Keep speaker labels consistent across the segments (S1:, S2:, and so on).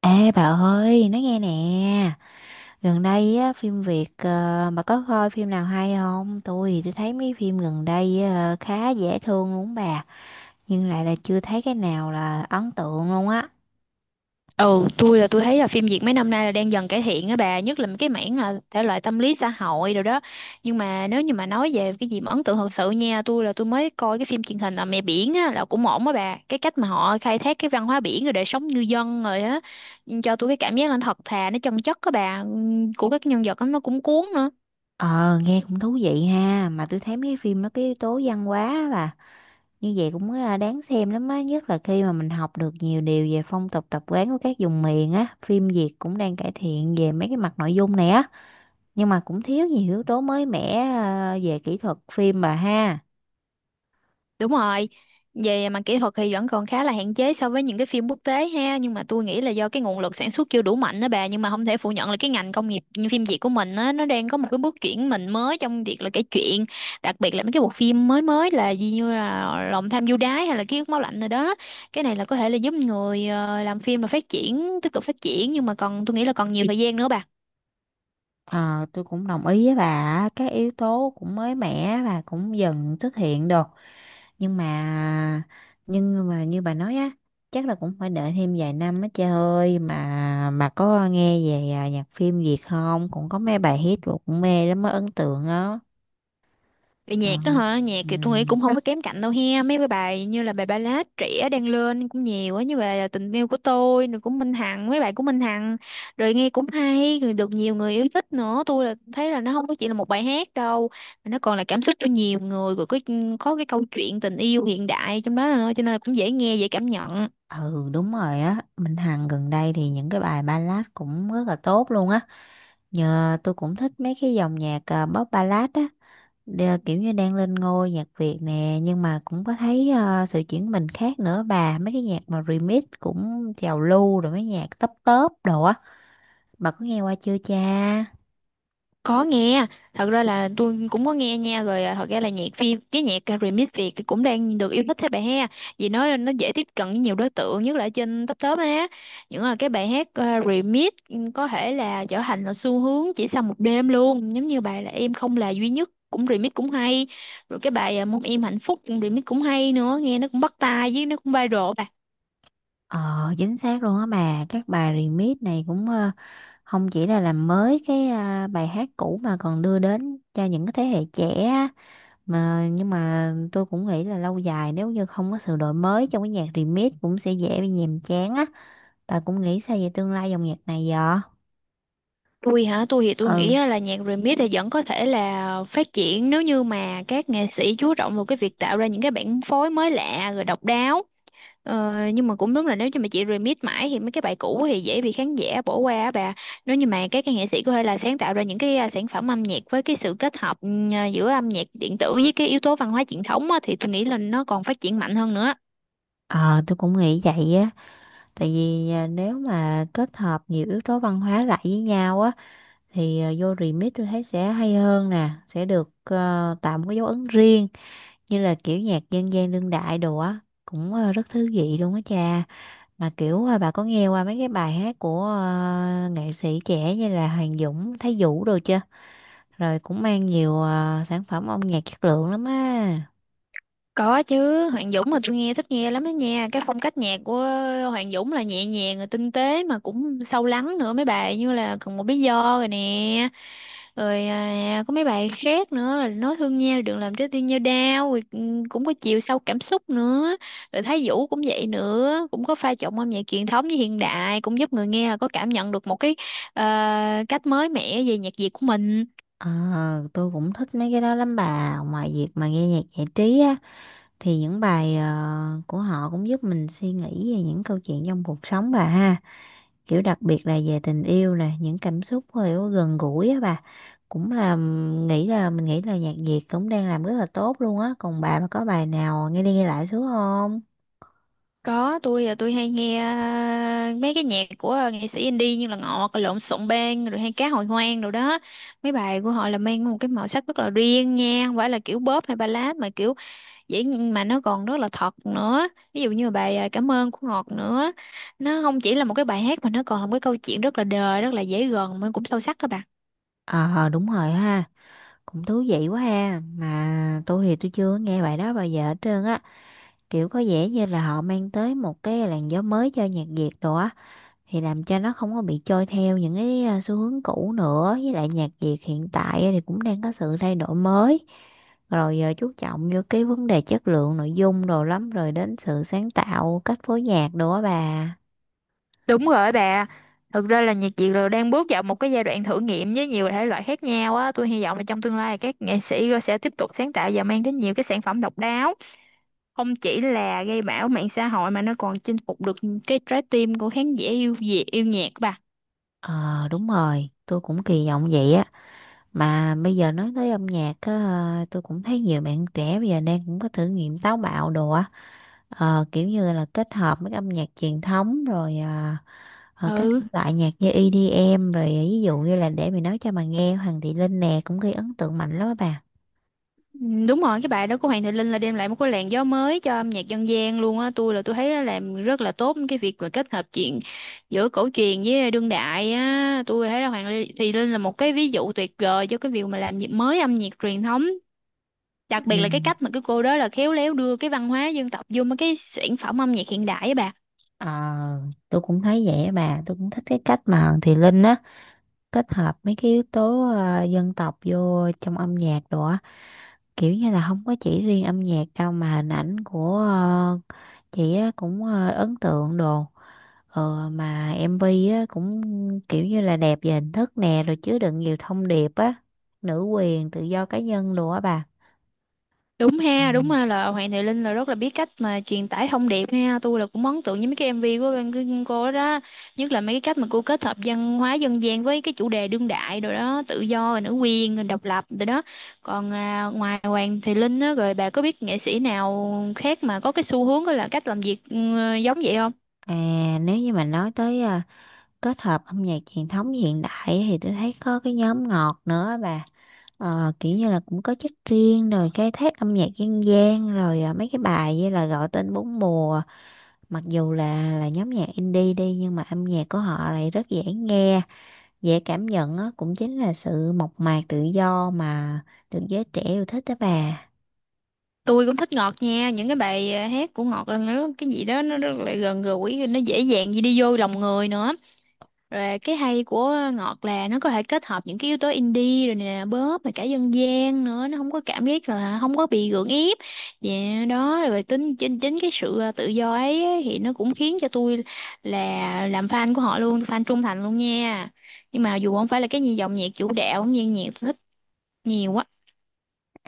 S1: Ê bà ơi, nói nghe nè, gần đây á, phim Việt bà có coi phim nào hay không? Tôi thấy mấy phim gần đây khá dễ thương luôn bà, nhưng lại là chưa thấy cái nào là ấn tượng luôn á.
S2: Ừ, tôi thấy là phim Việt mấy năm nay là đang dần cải thiện á bà, nhất là cái mảng là thể loại tâm lý xã hội rồi đó. Nhưng mà nếu như mà nói về cái gì mà ấn tượng thật sự nha, tôi mới coi cái phim truyền hình là Mẹ Biển á là cũng ổn á bà. Cái cách mà họ khai thác cái văn hóa biển rồi đời sống ngư dân rồi á cho tôi cái cảm giác là nó thật thà, nó chân chất á bà, của các nhân vật đó, nó cũng cuốn nữa.
S1: Ờ, nghe cũng thú vị ha, mà tôi thấy mấy phim nó cái yếu tố văn hóa á bà, như vậy cũng là đáng xem lắm á, nhất là khi mà mình học được nhiều điều về phong tục tập quán của các vùng miền á, phim Việt cũng đang cải thiện về mấy cái mặt nội dung này á. Nhưng mà cũng thiếu nhiều yếu tố mới mẻ về kỹ thuật phim bà ha.
S2: Đúng rồi, về mặt kỹ thuật thì vẫn còn khá là hạn chế so với những cái phim quốc tế ha, nhưng mà tôi nghĩ là do cái nguồn lực sản xuất chưa đủ mạnh đó bà, nhưng mà không thể phủ nhận là cái ngành công nghiệp như phim Việt của mình á, nó đang có một cái bước chuyển mình mới trong việc là kể chuyện, đặc biệt là mấy cái bộ phim mới mới là gì như là Lòng tham du đái hay là Ký ức máu lạnh rồi đó. Cái này là có thể là giúp người làm phim là phát triển, tiếp tục phát triển nhưng mà còn tôi nghĩ là còn nhiều thời gian nữa bà.
S1: Ờ, tôi cũng đồng ý với bà á, các yếu tố cũng mới mẻ và cũng dần xuất hiện được, nhưng mà nhưng mà như bà nói á, chắc là cũng phải đợi thêm vài năm á. Trời ơi, mà bà có nghe về nhạc phim Việt không, cũng có mấy bài hit rồi cũng mê lắm, mới ấn tượng đó.
S2: Về
S1: Ờ,
S2: nhạc đó hả? Nhạc
S1: ừ.
S2: thì tôi nghĩ cũng không có kém cạnh đâu he. Mấy cái bài như là bài ballad trẻ đang lên cũng nhiều á. Như bài Tình yêu của tôi, rồi của Minh Hằng, mấy bài của Minh Hằng. Rồi nghe cũng hay, rồi được nhiều người yêu thích nữa. Tôi là thấy là nó không có chỉ là một bài hát đâu. Mà nó còn là cảm xúc cho nhiều người. Rồi có cái câu chuyện tình yêu hiện đại trong đó nữa. Cho nên là cũng dễ nghe, dễ cảm nhận.
S1: Ừ đúng rồi á, Minh Hằng gần đây thì những cái bài ballad cũng rất là tốt luôn á. Nhờ tôi cũng thích mấy cái dòng nhạc pop ballad á, kiểu như đang lên ngôi nhạc Việt nè, nhưng mà cũng có thấy sự chuyển mình khác nữa bà, mấy cái nhạc mà remix cũng trào lưu, rồi mấy nhạc tấp tớp đồ á, bà có nghe qua chưa cha?
S2: Có nghe. Thật ra là tôi cũng có nghe nha rồi à, thật ra là nhạc phim cái nhạc à, remix Việt thì cũng đang được yêu thích thế bà ha, vì nó dễ tiếp cận với nhiều đối tượng, nhất là ở trên top top á, những là cái bài hát à, remix ừ, có thể là trở thành là xu hướng chỉ sau một đêm luôn, giống như bài là em không là duy nhất cũng remix cũng hay, rồi cái bài à, mong em hạnh phúc cũng remix cũng hay nữa, nghe nó cũng bắt tai với nó cũng viral bà.
S1: Ờ, chính xác luôn á bà, các bài remix này cũng không chỉ là làm mới cái bài hát cũ mà còn đưa đến cho những cái thế hệ trẻ, mà nhưng mà tôi cũng nghĩ là lâu dài nếu như không có sự đổi mới trong cái nhạc remix cũng sẽ dễ bị nhàm chán á. Bà cũng nghĩ sao về tương lai dòng nhạc này vậy?
S2: Tôi hả? Tôi thì tôi nghĩ
S1: Ừ,
S2: á là nhạc remix thì vẫn có thể là phát triển nếu như mà các nghệ sĩ chú trọng vào cái việc tạo ra những cái bản phối mới lạ rồi độc đáo. Ờ, nhưng mà cũng đúng là nếu như mà chị remix mãi thì mấy cái bài cũ thì dễ bị khán giả bỏ qua á bà. Nếu như mà các cái nghệ sĩ có thể là sáng tạo ra những cái à, sản phẩm âm nhạc với cái sự kết hợp giữa âm nhạc điện tử với cái yếu tố văn hóa truyền thống á, thì tôi nghĩ là nó còn phát triển mạnh hơn nữa.
S1: ờ tôi cũng nghĩ vậy á, tại vì nếu mà kết hợp nhiều yếu tố văn hóa lại với nhau á, thì vô remix tôi thấy sẽ hay hơn nè, sẽ được tạo một cái dấu ấn riêng, như là kiểu nhạc dân gian đương đại đồ á, cũng rất thú vị luôn á cha. Mà kiểu bà có nghe qua mấy cái bài hát của nghệ sĩ trẻ như là Hoàng Dũng, Thái Vũ đồ chưa? Rồi cũng mang nhiều sản phẩm âm nhạc chất lượng lắm á.
S2: Có chứ, Hoàng Dũng mà tôi thích nghe lắm đó nha. Cái phong cách nhạc của Hoàng Dũng là nhẹ nhàng rồi tinh tế mà cũng sâu lắng nữa, mấy bài như là còn một lý do rồi nè. Rồi à, có mấy bài khác nữa là nói thương nhau đừng làm trái tim nhau đau rồi ừ, cũng có chiều sâu cảm xúc nữa. Rồi Thái Vũ cũng vậy nữa, cũng có pha trộn âm nhạc truyền thống với hiện đại, cũng giúp người nghe là có cảm nhận được một cái ờ, cách mới mẻ về nhạc Việt của mình.
S1: Ờ, tôi cũng thích mấy cái đó lắm bà. Ngoài việc mà nghe nhạc giải trí á, thì những bài của họ cũng giúp mình suy nghĩ về những câu chuyện trong cuộc sống bà ha. Kiểu đặc biệt là về tình yêu, là những cảm xúc kiểu gần gũi á bà, cũng là m- nghĩ là mình nghĩ là nhạc Việt cũng đang làm rất là tốt luôn á. Còn bà mà có bài nào nghe đi nghe lại xuống không?
S2: Có, tôi là tôi hay nghe à, mấy cái nhạc của à, nghệ sĩ indie như là Ngọt, Lộn Xộn Bang, rồi hay Cá Hồi Hoang rồi đó. Mấy bài của họ là mang một cái màu sắc rất là riêng nha, không phải là kiểu bóp hay ballad mà kiểu dễ, mà nó còn rất là thật nữa. Ví dụ như là bài à, Cảm ơn của Ngọt nữa. Nó không chỉ là một cái bài hát mà nó còn là một cái câu chuyện rất là đời, rất là dễ gần mà cũng sâu sắc các bạn.
S1: Ờ đúng rồi ha, cũng thú vị quá ha, mà tôi chưa nghe bài đó bao giờ hết trơn á. Kiểu có vẻ như là họ mang tới một cái làn gió mới cho nhạc Việt đồ á, thì làm cho nó không có bị trôi theo những cái xu hướng cũ nữa. Với lại nhạc Việt hiện tại thì cũng đang có sự thay đổi mới, rồi chú trọng vô cái vấn đề chất lượng nội dung đồ lắm, rồi đến sự sáng tạo cách phối nhạc đồ á bà.
S2: Đúng rồi bà. Thực ra là nhạc Việt rồi đang bước vào một cái giai đoạn thử nghiệm với nhiều thể loại khác nhau á. Tôi hy vọng là trong tương lai các nghệ sĩ sẽ tiếp tục sáng tạo và mang đến nhiều cái sản phẩm độc đáo. Không chỉ là gây bão mạng xã hội mà nó còn chinh phục được cái trái tim của khán giả yêu Việt, yêu nhạc bà.
S1: Ờ đúng rồi, tôi cũng kỳ vọng vậy á. Mà bây giờ nói tới âm nhạc á, tôi cũng thấy nhiều bạn trẻ bây giờ đang cũng có thử nghiệm táo bạo đồ á, kiểu như là kết hợp với âm nhạc truyền thống rồi các
S2: Ừ.
S1: thể loại nhạc như EDM rồi ví dụ như là để mình nói cho bà nghe Hoàng Thị Linh nè, cũng gây ấn tượng mạnh lắm á bà.
S2: Ừ, đúng rồi, cái bài đó của Hoàng Thị Linh là đem lại một cái làn gió mới cho âm nhạc dân gian luôn á. Tôi là tôi thấy nó làm rất là tốt cái việc mà kết hợp chuyện giữa cổ truyền với đương đại á. Tôi thấy là Thị Linh là một cái ví dụ tuyệt vời cho cái việc mà làm nhịp mới âm nhạc truyền thống.
S1: Ừ.
S2: Đặc biệt là cái cách mà cái cô đó là khéo léo đưa cái văn hóa dân tộc vô mấy cái sản phẩm âm nhạc hiện đại á bà.
S1: Ờ, tôi cũng thấy vậy á bà, tôi cũng thích cái cách mà Hoàng Thị Linh á kết hợp mấy cái yếu tố dân tộc vô trong âm nhạc đồ á, kiểu như là không có chỉ riêng âm nhạc đâu mà hình ảnh của chị á cũng ấn tượng đồ. Ờ mà MV á cũng kiểu như là đẹp về hình thức nè, rồi chứa đựng nhiều thông điệp á, nữ quyền, tự do cá nhân đồ á bà. Ừ.
S2: Đúng ha là Hoàng Thị Linh là rất là biết cách mà truyền tải thông điệp ha. Tôi là cũng ấn tượng với mấy cái MV của bên cô đó. Nhất là mấy cái cách mà cô kết hợp văn hóa dân gian với cái chủ đề đương đại rồi đó, tự do, rồi nữ quyền, rồi độc lập rồi đó. Còn à, ngoài Hoàng Thị Linh á, rồi bà có biết nghệ sĩ nào khác mà có cái xu hướng đó là cách làm việc giống vậy không?
S1: À, nếu như mà nói tới kết hợp âm nhạc truyền thống với hiện đại ấy, thì tôi thấy có cái nhóm Ngọt nữa á bà. Ờ, kiểu như là cũng có chất riêng, rồi cái thác âm nhạc dân gian, rồi mấy cái bài như là Gọi Tên Bốn Mùa, mặc dù là nhóm nhạc indie đi nhưng mà âm nhạc của họ lại rất dễ nghe, dễ cảm nhận á, cũng chính là sự mộc mạc tự do mà được giới trẻ yêu thích đó bà.
S2: Tôi cũng thích Ngọt nha, những cái bài à, hát của Ngọt là nó cái gì đó nó rất là gần gũi, nó dễ dàng gì đi vô lòng người nữa. Rồi cái hay của Ngọt là nó có thể kết hợp những cái yếu tố indie rồi nè, bóp mà cả dân gian nữa, nó không có cảm giác là không có bị gượng ép. Dạ đó, rồi tính chính chính cái sự à, tự do ấy thì nó cũng khiến cho tôi là làm fan của họ luôn, fan trung thành luôn nha. Nhưng mà dù không phải là cái gì dòng nhạc chủ đạo, nhưng nhạc tôi thích nhiều quá.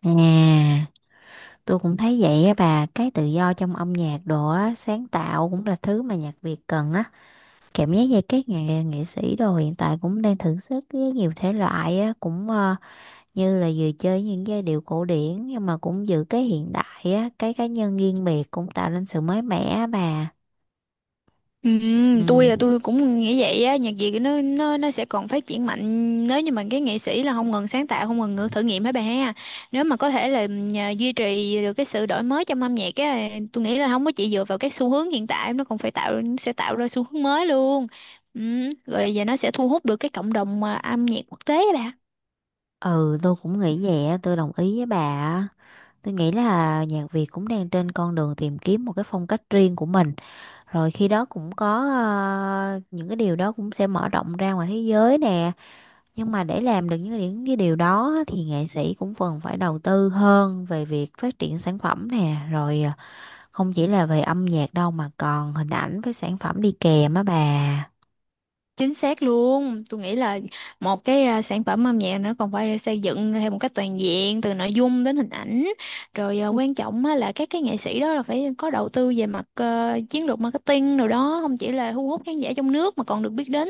S1: À tôi cũng thấy vậy á bà, cái tự do trong âm nhạc đồ á, sáng tạo cũng là thứ mà nhạc Việt cần á. Cảm giác như các nghệ nghệ sĩ đồ hiện tại cũng đang thử sức với nhiều thể loại á, cũng như là vừa chơi những giai điệu cổ điển nhưng mà cũng giữ cái hiện đại á, cái cá nhân riêng biệt cũng tạo nên sự mới mẻ á bà.
S2: Ừ, tôi là
S1: Ừ,
S2: tôi cũng nghĩ vậy á, nhạc Việt nó sẽ còn phát triển mạnh nếu như mà cái nghệ sĩ là không ngừng sáng tạo, không ngừng thử nghiệm hả bà ha. Nếu mà có thể là nhà, duy trì được cái sự đổi mới trong âm nhạc á, tôi nghĩ là không có chỉ dựa vào các xu hướng hiện tại, nó còn phải sẽ tạo ra xu hướng mới luôn, ừ, rồi giờ nó sẽ thu hút được cái cộng đồng mà âm nhạc quốc tế á bà.
S1: ừ tôi cũng nghĩ vậy á, tôi đồng ý với bà á. Tôi nghĩ là nhạc Việt cũng đang trên con đường tìm kiếm một cái phong cách riêng của mình. Rồi khi đó cũng có những cái điều đó cũng sẽ mở rộng ra ngoài thế giới nè. Nhưng mà để làm được những cái điều đó á, thì nghệ sĩ cũng cần phải đầu tư hơn về việc phát triển sản phẩm nè. Rồi không chỉ là về âm nhạc đâu mà còn hình ảnh với sản phẩm đi kèm á bà.
S2: Chính xác luôn, tôi nghĩ là một cái à, sản phẩm âm nhạc nó còn phải được xây dựng theo một cách toàn diện từ nội dung đến hình ảnh, rồi à, ừ, quan trọng á là các cái nghệ sĩ đó là phải có đầu tư về mặt chiến lược marketing rồi đó, không chỉ là thu hút khán giả trong nước mà còn được biết đến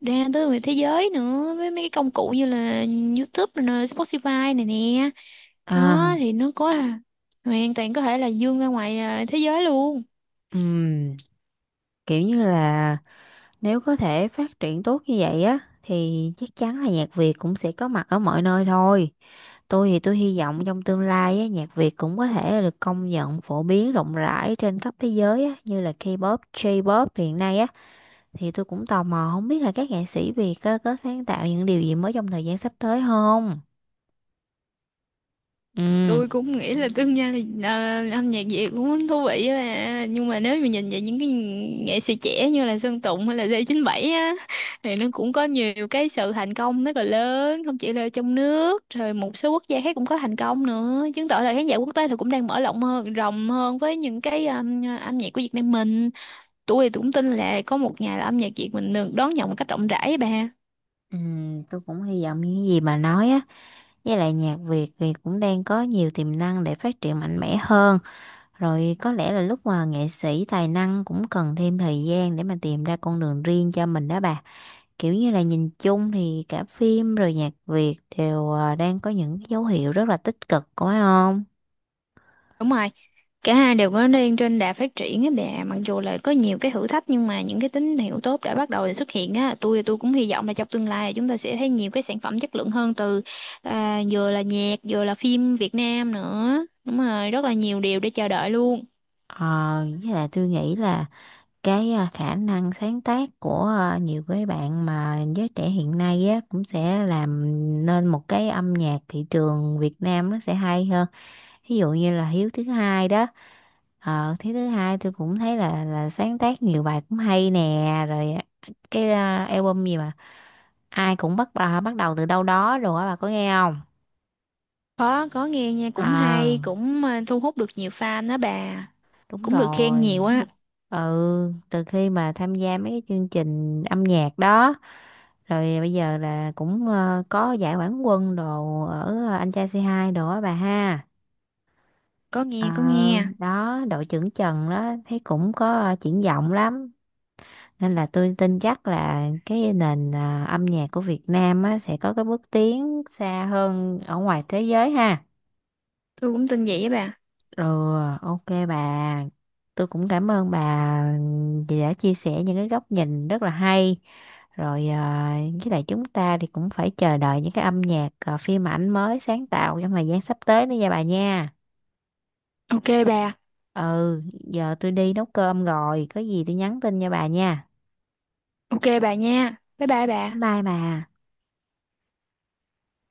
S2: ra tới người thế giới nữa, với mấy cái công cụ như là YouTube rồi nè, Spotify này nè, đó
S1: À,
S2: thì nó có à, hoàn toàn có thể là dương ra ngoài à, thế giới luôn.
S1: ừm, kiểu như là nếu có thể phát triển tốt như vậy á thì chắc chắn là nhạc Việt cũng sẽ có mặt ở mọi nơi thôi. Tôi hy vọng trong tương lai á, nhạc Việt cũng có thể là được công nhận phổ biến rộng rãi trên khắp thế giới á, như là K-pop, J-pop hiện nay á. Thì tôi cũng tò mò không biết là các nghệ sĩ Việt á, có sáng tạo những điều gì mới trong thời gian sắp tới không? Ừ,
S2: Tôi cũng nghĩ là tương lai là ờ, âm nhạc Việt cũng thú vị á, nhưng mà nếu mà nhìn về những cái nghệ sĩ trẻ như là Sơn Tùng hay là D97 á, thì nó cũng có nhiều cái sự thành công rất là lớn, không chỉ là trong nước rồi một số quốc gia khác cũng có thành công nữa, chứng tỏ là khán giả quốc tế thì cũng đang mở rộng hơn với những cái âm nhạc của Việt Nam mình. Tôi thì cũng tin là có một ngày là âm nhạc Việt mình được đón nhận một cách rộng rãi á bà.
S1: ừ, tôi cũng hy vọng những gì bà nói á, với lại nhạc Việt thì cũng đang có nhiều tiềm năng để phát triển mạnh mẽ hơn. Rồi có lẽ là lúc mà nghệ sĩ tài năng cũng cần thêm thời gian để mà tìm ra con đường riêng cho mình đó bà. Kiểu như là nhìn chung thì cả phim rồi nhạc Việt đều đang có những cái dấu hiệu rất là tích cực, có phải không?
S2: Đúng rồi, cả hai đều có đang trên đà phát triển á bà, mặc dù là có nhiều cái thử thách nhưng mà những cái tín hiệu tốt đã bắt đầu xuất hiện á, tôi cũng hy vọng là trong tương lai là chúng ta sẽ thấy nhiều cái sản phẩm chất lượng hơn từ à, vừa là nhạc, vừa là phim Việt Nam nữa. Đúng rồi, rất là nhiều điều để chờ đợi luôn.
S1: Ờ, với lại tôi nghĩ là cái khả năng sáng tác của nhiều cái bạn mà giới trẻ hiện nay á cũng sẽ làm nên một cái âm nhạc thị trường Việt Nam nó sẽ hay hơn. Ví dụ như là Hiếu Thứ Hai đó, ờ thế Thứ Hai tôi cũng thấy là sáng tác nhiều bài cũng hay nè, rồi cái album gì mà ai cũng bắt đầu từ đâu đó rồi á, bà có nghe không?
S2: Có nghe nha,
S1: Ờ
S2: cũng hay, cũng à, thu hút được nhiều fan đó bà,
S1: đúng
S2: cũng được khen nhiều
S1: rồi,
S2: á.
S1: ừ, từ khi mà tham gia mấy cái chương trình âm nhạc đó, rồi bây giờ là cũng có giải quán quân đồ ở Anh Trai C2 đồ á bà ha.
S2: Có
S1: Ờ,
S2: nghe, có nghe.
S1: đó đội trưởng Trần đó thấy cũng có triển vọng lắm, nên là tôi tin chắc là cái nền âm nhạc của Việt Nam á, sẽ có cái bước tiến xa hơn ở ngoài thế giới ha.
S2: Tôi cũng tin vậy á bà.
S1: Ừ, ok bà. Tôi cũng cảm ơn bà vì đã chia sẻ những cái góc nhìn rất là hay. Rồi à, với lại chúng ta thì cũng phải chờ đợi những cái âm nhạc phim ảnh mới sáng tạo trong thời gian sắp tới nữa nha bà nha.
S2: Ok bà,
S1: Ừ, giờ tôi đi nấu cơm rồi, có gì tôi nhắn tin cho bà nha.
S2: ok bà nha. Bye bye bà.
S1: Bye bye bà.